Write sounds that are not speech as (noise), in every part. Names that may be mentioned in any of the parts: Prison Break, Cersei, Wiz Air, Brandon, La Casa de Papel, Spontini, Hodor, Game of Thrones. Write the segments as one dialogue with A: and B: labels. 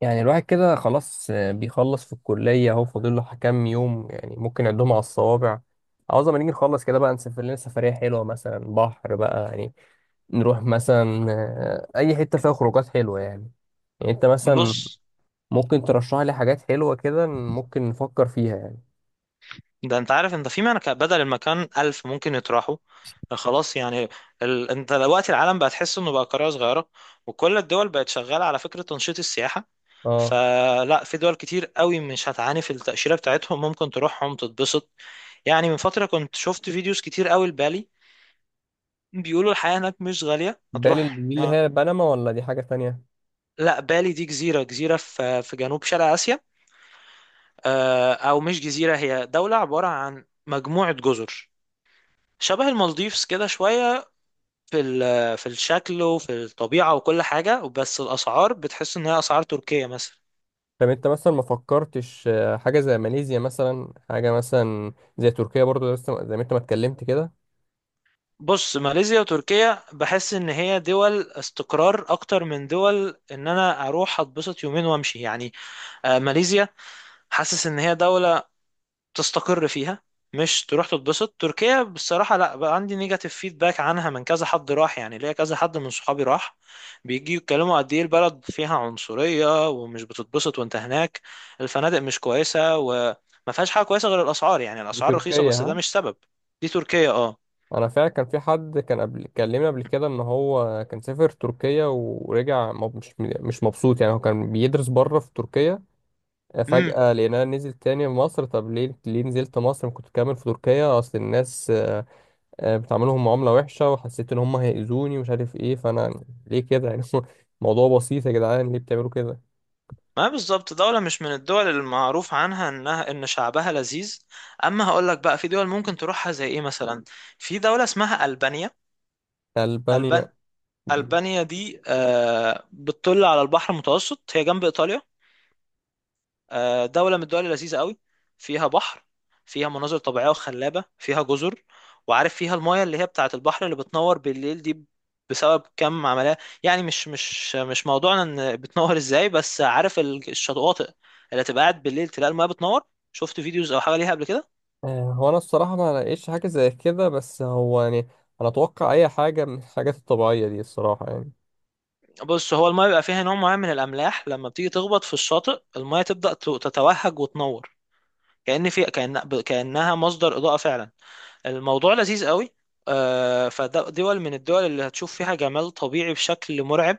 A: يعني الواحد كده خلاص بيخلص في الكلية اهو فاضل له كام يوم يعني ممكن نعدهم على الصوابع. عاوز ما نيجي نخلص كده بقى، نسافر لنا سفرية حلوة مثلا بحر بقى يعني. نروح مثلا أي حتة فيها خروجات حلوة يعني. يعني أنت مثلا
B: بص،
A: ممكن ترشح لي حاجات حلوة كده، ممكن نفكر فيها يعني.
B: ده انت عارف انت في مكان بدل المكان ألف ممكن يطرحوا خلاص يعني. انت دلوقتي العالم بقى تحس انه بقى قرية صغيرة، وكل الدول بقت شغالة على فكرة تنشيط السياحة.
A: اه،
B: فلا، في دول كتير قوي مش هتعاني في التأشيرة بتاعتهم، ممكن تروحهم تتبسط. يعني من فترة كنت شفت فيديوز كتير قوي لبالي، بيقولوا الحياة هناك مش غالية
A: بالي
B: هتروح
A: دي اللي
B: يعني.
A: هي بنما ولا دي حاجة تانية؟
B: لا، بالي دي جزيرة، جزيرة في جنوب شرق آسيا. أو مش جزيرة، هي دولة عبارة عن مجموعة جزر، شبه المالديفز كده شوية في الشكل وفي الطبيعة وكل حاجة، بس الأسعار بتحس إن هي أسعار تركيا مثلا.
A: طب أنت مثلا ما فكرتش حاجة زي ماليزيا، مثلا حاجة مثلا زي تركيا برضو لسه زي ما أنت ما اتكلمت كده.
B: بص، ماليزيا وتركيا بحس إن هي دول استقرار، أكتر من دول إن أنا أروح أتبسط يومين وأمشي يعني. ماليزيا حاسس إن هي دولة تستقر فيها، مش تروح تتبسط. تركيا بصراحة لا، بقى عندي نيجاتيف فيدباك عنها، من كذا حد راح يعني، ليا كذا حد من صحابي راح بيجي يتكلموا قد ايه البلد فيها عنصرية ومش بتتبسط وانت هناك. الفنادق مش كويسة، وما فيهاش حاجة كويسة غير الأسعار، يعني
A: دي
B: الأسعار رخيصة
A: تركيا
B: بس ده
A: ها؟
B: مش سبب. دي تركيا، اه.
A: انا فعلا كان في حد كان قبل كلمني قبل كده ان هو كان سافر تركيا ورجع مش مبسوط، يعني هو كان بيدرس بره في تركيا.
B: امم
A: فجأة لقيناه نزل تاني مصر. طب ليه نزلت مصر؟ ما كنت كامل في تركيا. اصل الناس بتعاملهم معاملة وحشة، وحسيت ان هم هيأذوني ومش عارف ايه، فانا ليه كده يعني؟ (laughs) موضوع بسيط يا جدعان، ليه بتعملوا كده؟
B: ما بالظبط دولة مش من الدول المعروف عنها انها ان شعبها لذيذ. اما هقول لك بقى في دول ممكن تروحها زي ايه مثلا، في دولة اسمها ألبانيا.
A: ألبانيا؟
B: ألبانيا، ألبانيا دي بتطل على البحر المتوسط، هي جنب إيطاليا. دولة من الدول اللذيذة قوي، فيها بحر، فيها مناظر طبيعية وخلابة، فيها جزر. وعارف فيها المايه اللي هي بتاعة البحر اللي بتنور بالليل دي، بسبب كم عملية، يعني مش موضوعنا ان بتنور ازاي، بس عارف الشواطئ اللي تبقى قاعد بالليل تلاقي المايه بتنور؟ شفت فيديوز او حاجة ليها قبل كده؟
A: هو انا الصراحة ما لقيتش حاجة زي كده، بس هو يعني انا اتوقع اي حاجة من الحاجات الطبيعية دي الصراحة يعني.
B: بص، هو المايه بيبقى فيها نوع معين من الأملاح، لما بتيجي تخبط في الشاطئ المايه تبدأ تتوهج وتنور. كأنها مصدر إضاءة فعلا. الموضوع لذيذ قوي. فده دول من الدول اللي هتشوف فيها جمال طبيعي بشكل مرعب.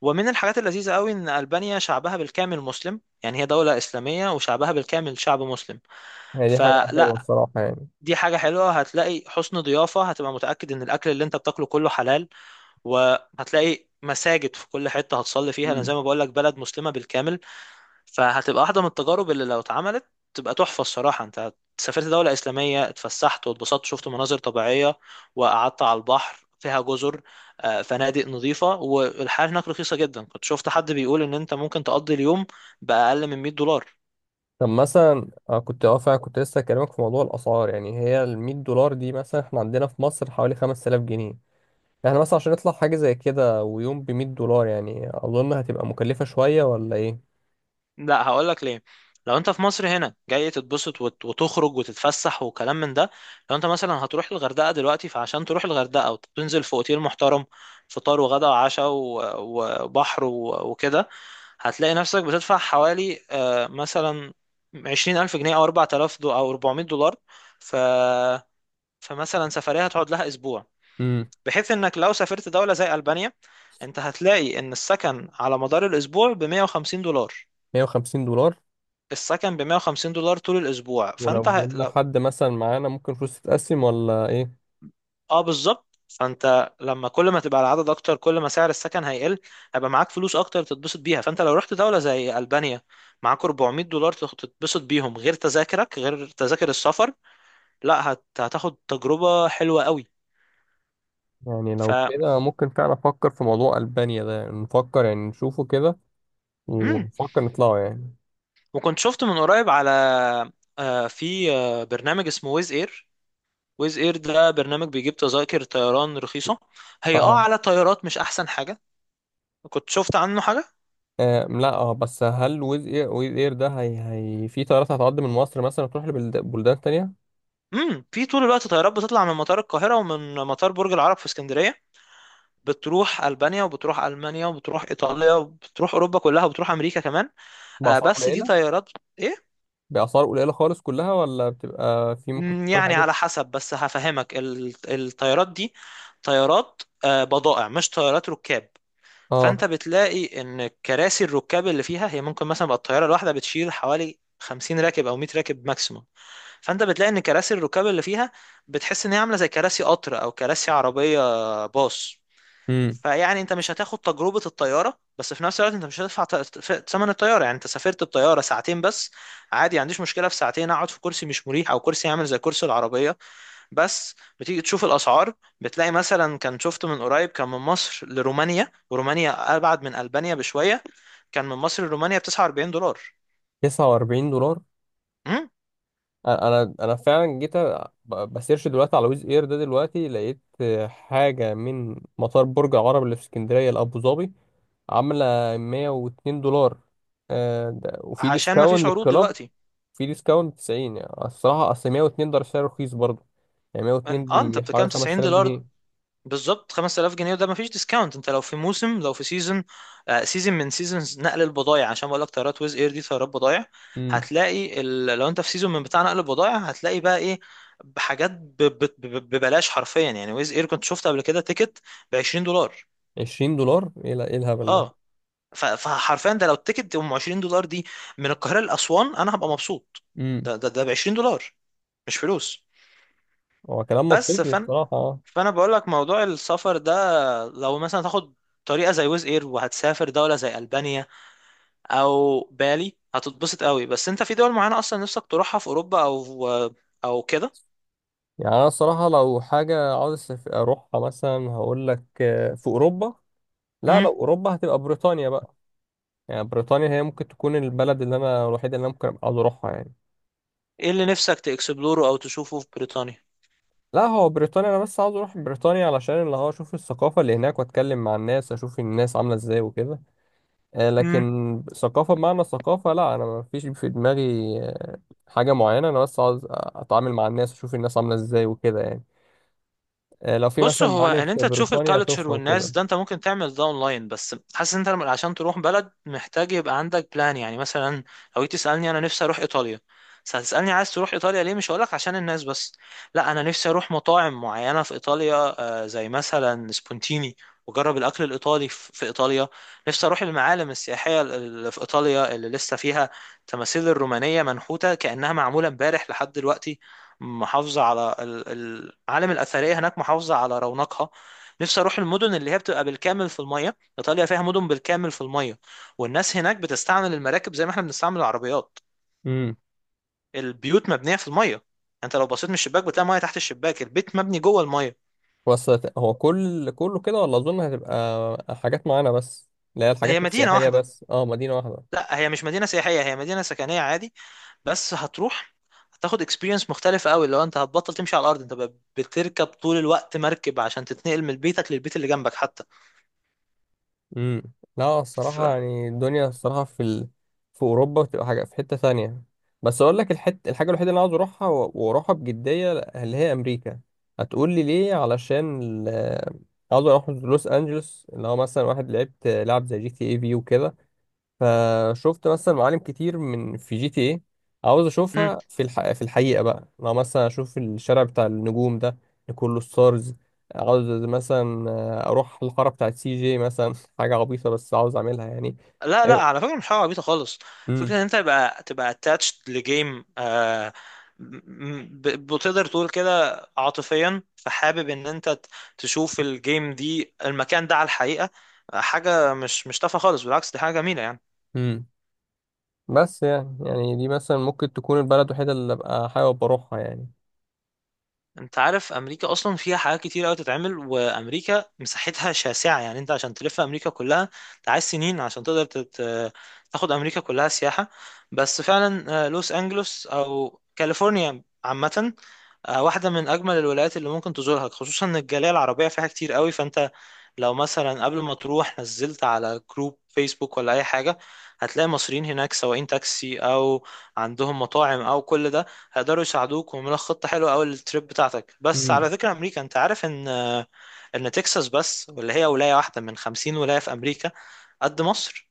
B: ومن الحاجات اللذيذة قوي إن ألبانيا شعبها بالكامل مسلم، يعني هي دولة إسلامية وشعبها بالكامل شعب مسلم.
A: هي دي حاجة حلوة
B: فلا،
A: الصراحة يعني.
B: دي حاجة حلوة، هتلاقي حسن ضيافة، هتبقى متأكد إن الأكل اللي أنت بتاكله كله حلال، وهتلاقي مساجد في كل حتة هتصلي فيها. أنا زي
A: مم.
B: ما بقولك، بلد مسلمة بالكامل. فهتبقى واحدة من التجارب اللي لو اتعملت تبقى تحفة. الصراحة انت سافرت دولة إسلامية، اتفسحت واتبسطت، شفت مناظر طبيعية، وقعدت على البحر، فيها جزر، فنادق نظيفة، والحياة هناك رخيصة جدا. كنت شفت حد بيقول ان انت ممكن تقضي اليوم بأقل من $100.
A: طب مثلا كنت اه فعلا كنت لسه هكلمك في موضوع الأسعار، يعني هي ال $100 دي مثلا احنا عندنا في مصر حوالي 5000 جنيه. احنا مثلا عشان نطلع حاجة زي كده ويوم ب $100، يعني أظن هتبقى مكلفة شوية ولا إيه؟
B: لا هقول لك ليه، لو انت في مصر هنا جاي تتبسط وتخرج وتتفسح وكلام من ده، لو انت مثلا هتروح الغردقة دلوقتي، فعشان تروح الغردقة وتنزل في اوتيل محترم، فطار وغدا وعشاء وبحر وكده، هتلاقي نفسك بتدفع حوالي مثلا 20000 جنيه، أو 4000 دو، أو $400. ف... فمثلا سفرية هتقعد لها أسبوع،
A: امم
B: بحيث إنك لو سافرت دولة زي ألبانيا، أنت هتلاقي إن السكن على مدار الأسبوع بـ$150.
A: $150.
B: السكن بـ$150 طول الأسبوع، فأنت
A: ولو
B: ه...
A: جبنا حد مثلا معانا ممكن فلوس تتقسم ولا إيه؟
B: اه بالظبط. فانت لما كل ما تبقى العدد اكتر، كل ما سعر السكن هيقل، هيبقى معاك فلوس اكتر تتبسط بيها. فانت لو رحت دولة زي ألبانيا، معاك $400 تتبسط بيهم، غير تذاكرك، غير تذاكر السفر. لا هتاخد تجربة حلوة قوي.
A: يعني
B: ف
A: لو كده ممكن فعلا أفكر في موضوع ألبانيا ده، يعني نفكر يعني نشوفه كده.
B: مم.
A: ونفكر نطلعه يعني.
B: وكنت شفت من قريب على في برنامج اسمه ويز اير. ويز اير ده برنامج بيجيب تذاكر طيران رخيصة، هي اه
A: اه.
B: على طيارات مش احسن حاجة. كنت شفت عنه حاجة.
A: آه، لا، اه، بس هل ويز اير ده، هي في طيارات هتعدي من مصر مثلا تروح لبلدان تانية؟
B: في طول الوقت طيارات بتطلع من مطار القاهرة ومن مطار برج العرب في اسكندرية، بتروح ألبانيا، وبتروح ألمانيا، وبتروح إيطاليا، وبتروح أوروبا كلها، وبتروح أمريكا كمان. آه،
A: بأسعار
B: بس دي
A: قليلة؟
B: طيارات، إيه؟
A: بأسعار قليلة خالص كلها، ولا بتبقى في ممكن تكون
B: يعني
A: حاجات؟
B: على حسب، بس هفهمك الطيارات دي طيارات بضائع مش طيارات ركاب. فأنت
A: اه.
B: بتلاقي إن كراسي الركاب اللي فيها، هي ممكن مثلا بقى الطيارة الواحدة بتشيل حوالي 50 راكب أو 100 راكب ماكسيموم. فانت بتلاقي ان كراسي الركاب اللي فيها، بتحس ان هي عامله زي كراسي قطر او كراسي عربيه، باص.
A: امم
B: فيعني انت مش هتاخد تجربه الطياره، بس في نفس الوقت انت مش هتدفع ثمن الطياره، يعني انت سافرت بطياره ساعتين بس، عادي، ما عنديش مشكله في ساعتين اقعد في كرسي مش مريح، او كرسي عامل زي كرسي العربيه بس. بتيجي تشوف الاسعار، بتلاقي مثلا، كان شفت من قريب، كان من مصر لرومانيا، ورومانيا ابعد من البانيا بشويه، كان من مصر لرومانيا ب $49.
A: $49.
B: امم
A: انا فعلا جيت بسيرش دلوقتي على ويز اير ده، دلوقتي لقيت حاجة من مطار برج العرب اللي في اسكندرية لأبو ظبي. عاملة $102. وفي
B: عشان ما
A: ديسكاونت
B: فيش عروض
A: للكلاب.
B: دلوقتي.
A: في ديسكاونت 90، يعني الصراحة أصل 102 ده سعر رخيص برضه. يعني 102
B: اه انت
A: دي حوالي
B: بتتكلم 90
A: 5000
B: دولار
A: جنيه
B: بالظبط 5000 جنيه، وده مفيش ديسكاونت، انت لو في موسم، لو في سيزون، آه، سيزون من سيزونز نقل البضائع، عشان بقول لك طيارات ويز اير دي طيارات بضائع.
A: امم
B: هتلاقي لو انت في سيزون من بتاع نقل البضائع، هتلاقي بقى ايه؟ بحاجات ببلاش حرفيا. يعني ويز اير كنت شفت قبل كده تيكت ب $20،
A: $20؟ إيه إيه الهبل ده؟
B: اه. فحرفيا ده لو التيكت ام $20 دي من القاهرة لأسوان انا هبقى مبسوط.
A: امم
B: ده ب $20، مش فلوس.
A: هو كلام
B: بس
A: منطقي الصراحة، آه.
B: فانا بقول لك موضوع السفر ده، لو مثلا تاخد طريقه زي ويز اير وهتسافر دوله زي البانيا او بالي هتتبسط قوي، بس انت في دول معينه اصلا نفسك تروحها في اوروبا، او او كده.
A: يعني أنا الصراحة لو حاجة عاوز أروحها، مثلا هقول لك في أوروبا. لا،
B: امم
A: لو أوروبا هتبقى بريطانيا بقى. يعني بريطانيا هي ممكن تكون البلد اللي أنا الوحيدة، اللي أنا ممكن أبقى عاوز أروحها يعني.
B: ايه اللي نفسك تاكسبلوره او تشوفه في بريطانيا؟
A: لا، هو بريطانيا أنا بس عاوز أروح بريطانيا علشان اللي هو أشوف الثقافة اللي هناك، وأتكلم مع الناس، أشوف الناس عاملة إزاي وكده. لكن ثقافة بمعنى الثقافة لا، أنا ما فيش في دماغي آه، حاجة معينة، أنا بس عاوز أتعامل مع الناس، أشوف الناس عاملة إزاي وكده يعني. لو في
B: بص،
A: مثلا
B: هو
A: معالم
B: ان
A: في
B: انت تشوف
A: بريطانيا
B: الكالتشر
A: أشوفها
B: والناس
A: وكده.
B: ده، انت ممكن تعمل ده اونلاين، بس حاسس ان انت عشان تروح بلد محتاج يبقى عندك بلان، يعني مثلا لو جيت تسالني انا نفسي اروح ايطاليا، بس هتسالني عايز تروح ايطاليا ليه، مش هقولك عشان الناس بس، لا، انا نفسي اروح مطاعم معينه في ايطاليا، زي مثلا سبونتيني، واجرب الاكل الايطالي في ايطاليا. نفسي اروح المعالم السياحيه اللي في ايطاليا، اللي لسه فيها تماثيل الرومانيه منحوته كانها معموله امبارح لحد دلوقتي، محافظة على العالم الأثرية هناك محافظة على رونقها. نفسي أروح المدن اللي هي بتبقى بالكامل في المية، إيطاليا فيها مدن بالكامل في المية، والناس هناك بتستعمل المراكب زي ما احنا بنستعمل العربيات.
A: امم
B: البيوت مبنية في المية، أنت لو بصيت من الشباك بتلاقي مية تحت الشباك، البيت مبني جوه المية.
A: بس هو كله كده، ولا أظن هتبقى حاجات معينة بس اللي هي
B: هي
A: الحاجات
B: مدينة
A: السياحية
B: واحدة،
A: بس، مدينة واحدة.
B: لا، هي مش مدينة سياحية، هي مدينة سكنية عادي، بس هتروح هتاخد اكسبيرينس مختلفة قوي، لو انت هتبطل تمشي على الارض، انت بقى بتركب طول الوقت مركب عشان تتنقل من بيتك للبيت اللي جنبك حتى.
A: امم لا،
B: ف...
A: الصراحة يعني الدنيا الصراحة في أوروبا بتبقى حاجة في حتة ثانية. بس أقول لك الحاجة الوحيدة اللي أنا عاوز أروحها و- وأروحها بجدية، اللي هي أمريكا. هتقول لي ليه؟ علشان ال... عاوز أروح لوس أنجلوس اللي هو مثلا واحد لعبت لعب زي GTA V وكده. فشفت مثلا معالم كتير من في GTA عاوز اشوفها في الحقيقه بقى، لو مثلا اشوف الشارع بتاع النجوم ده اللي كله ستارز. عاوز مثلا اروح الحاره بتاعت CJ مثلا. (laughs) حاجه عبيطه بس عاوز اعملها يعني.
B: لا لا، على فكرة مش حاجة عبيطة خالص،
A: امم
B: فكرة ان انت تبقى attached لجيم، آه، بتقدر تقول كده عاطفيا، فحابب ان انت تشوف الجيم دي، المكان ده على الحقيقة، حاجة مش تافهة خالص، بالعكس دي حاجة جميلة يعني.
A: امم بس يعني دي مثلا ممكن تكون البلد الوحيده اللي ابقى حابب اروحها يعني.
B: انت عارف امريكا اصلا فيها حاجات كتير قوي تتعمل، وامريكا مساحتها شاسعة، يعني انت عشان تلف امريكا كلها انت عايز سنين عشان تقدر تاخد امريكا كلها سياحة. بس فعلا، لوس انجلوس او كاليفورنيا عامة، واحدة من أجمل الولايات اللي ممكن تزورها، خصوصا إن الجالية العربية فيها كتير قوي، فأنت لو مثلا قبل ما تروح نزلت على جروب فيسبوك ولا أي حاجة، هتلاقي مصريين هناك سواقين تاكسي، أو عندهم مطاعم، أو كل ده، هيقدروا يساعدوك ويعملوا لك خطة حلوة أوي للتريب بتاعتك. بس على ذكر أمريكا، أنت عارف إن إن تكساس بس، واللي هي ولاية واحدة من 50 ولاية في أمريكا، قد مصر.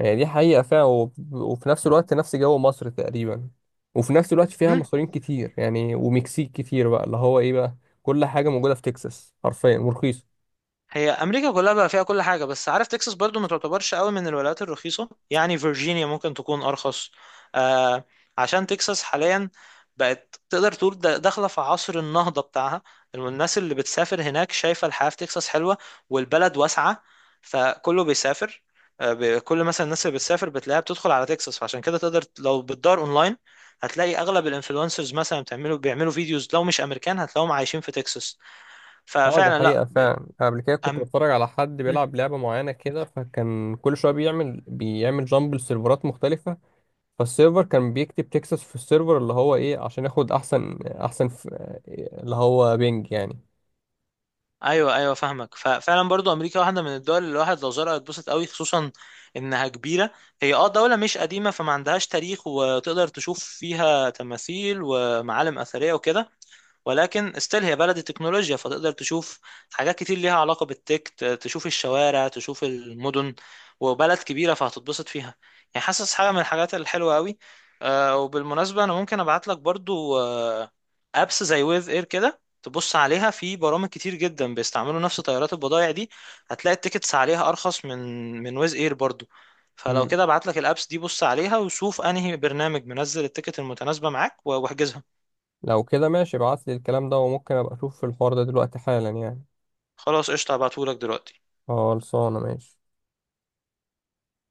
A: هي دي حقيقة فعلا، وب- وفي نفس الوقت نفس جو مصر تقريبا. وفي نفس الوقت فيها
B: مم.
A: مصريين كتير، يعني ومكسيك كتير بقى اللي هو ايه بقى. كل حاجة موجودة في تكساس حرفيا، ورخيصة.
B: هي امريكا كلها بقى فيها كل حاجه، بس عارف تكساس برضو ما تعتبرش قوي من الولايات الرخيصه، يعني فيرجينيا ممكن تكون ارخص، آه، عشان تكساس حاليا بقت تقدر تقول داخله في عصر النهضه بتاعها، الناس اللي بتسافر هناك شايفه الحياه في تكساس حلوه، والبلد واسعه، فكله بيسافر. كل مثلا الناس اللي بتسافر بتلاقيها بتدخل على تكساس، فعشان كده تقدر لو بتدور اونلاين هتلاقي اغلب الانفلونسرز مثلا بتعملوا بيعملوا فيديوز، لو مش امريكان هتلاقيهم عايشين في تكساس.
A: اه، دي
B: ففعلا
A: حقيقة
B: لا.
A: فعلا. قبل كده كنت
B: أم-
A: بتفرج على حد بيلعب لعبة معينة كده، فكان كل شوية بيعمل جامب لسيرفرات مختلفة. فالسيرفر كان بيكتب تكساس في السيرفر اللي هو ايه عشان ياخد احسن اللي هو بينج يعني.
B: ايوه ايوه فاهمك. ففعلا برضو امريكا واحده من الدول اللي الواحد لو زارها يتبسط قوي، خصوصا انها كبيره. هي اه دوله مش قديمه، فما عندهاش تاريخ وتقدر تشوف فيها تماثيل ومعالم اثريه وكده، ولكن استيل هي بلد التكنولوجيا، فتقدر تشوف حاجات كتير ليها علاقة بالتك، تشوف الشوارع، تشوف المدن، وبلد كبيرة فهتتبسط فيها، يعني حاسس حاجة من الحاجات الحلوة قوي. وبالمناسبة أنا ممكن أبعت لك برضو أبس زي ويف إير كده تبص عليها، في برامج كتير جدا بيستعملوا نفس طيارات البضائع دي، هتلاقي التيكتس عليها أرخص من من ويز إير برضو. فلو
A: مم.
B: كده ابعت لك الأبس دي، بص عليها وشوف أنهي برنامج منزل التيكت المتناسبة معاك واحجزها.
A: لو كده ماشي، ابعت لي الكلام ده، وممكن ابقى اشوف الحوار ده دلوقتي حالا يعني.
B: خلاص قشطة، هبعتهولك دلوقتي.
A: خلصانة ماشي.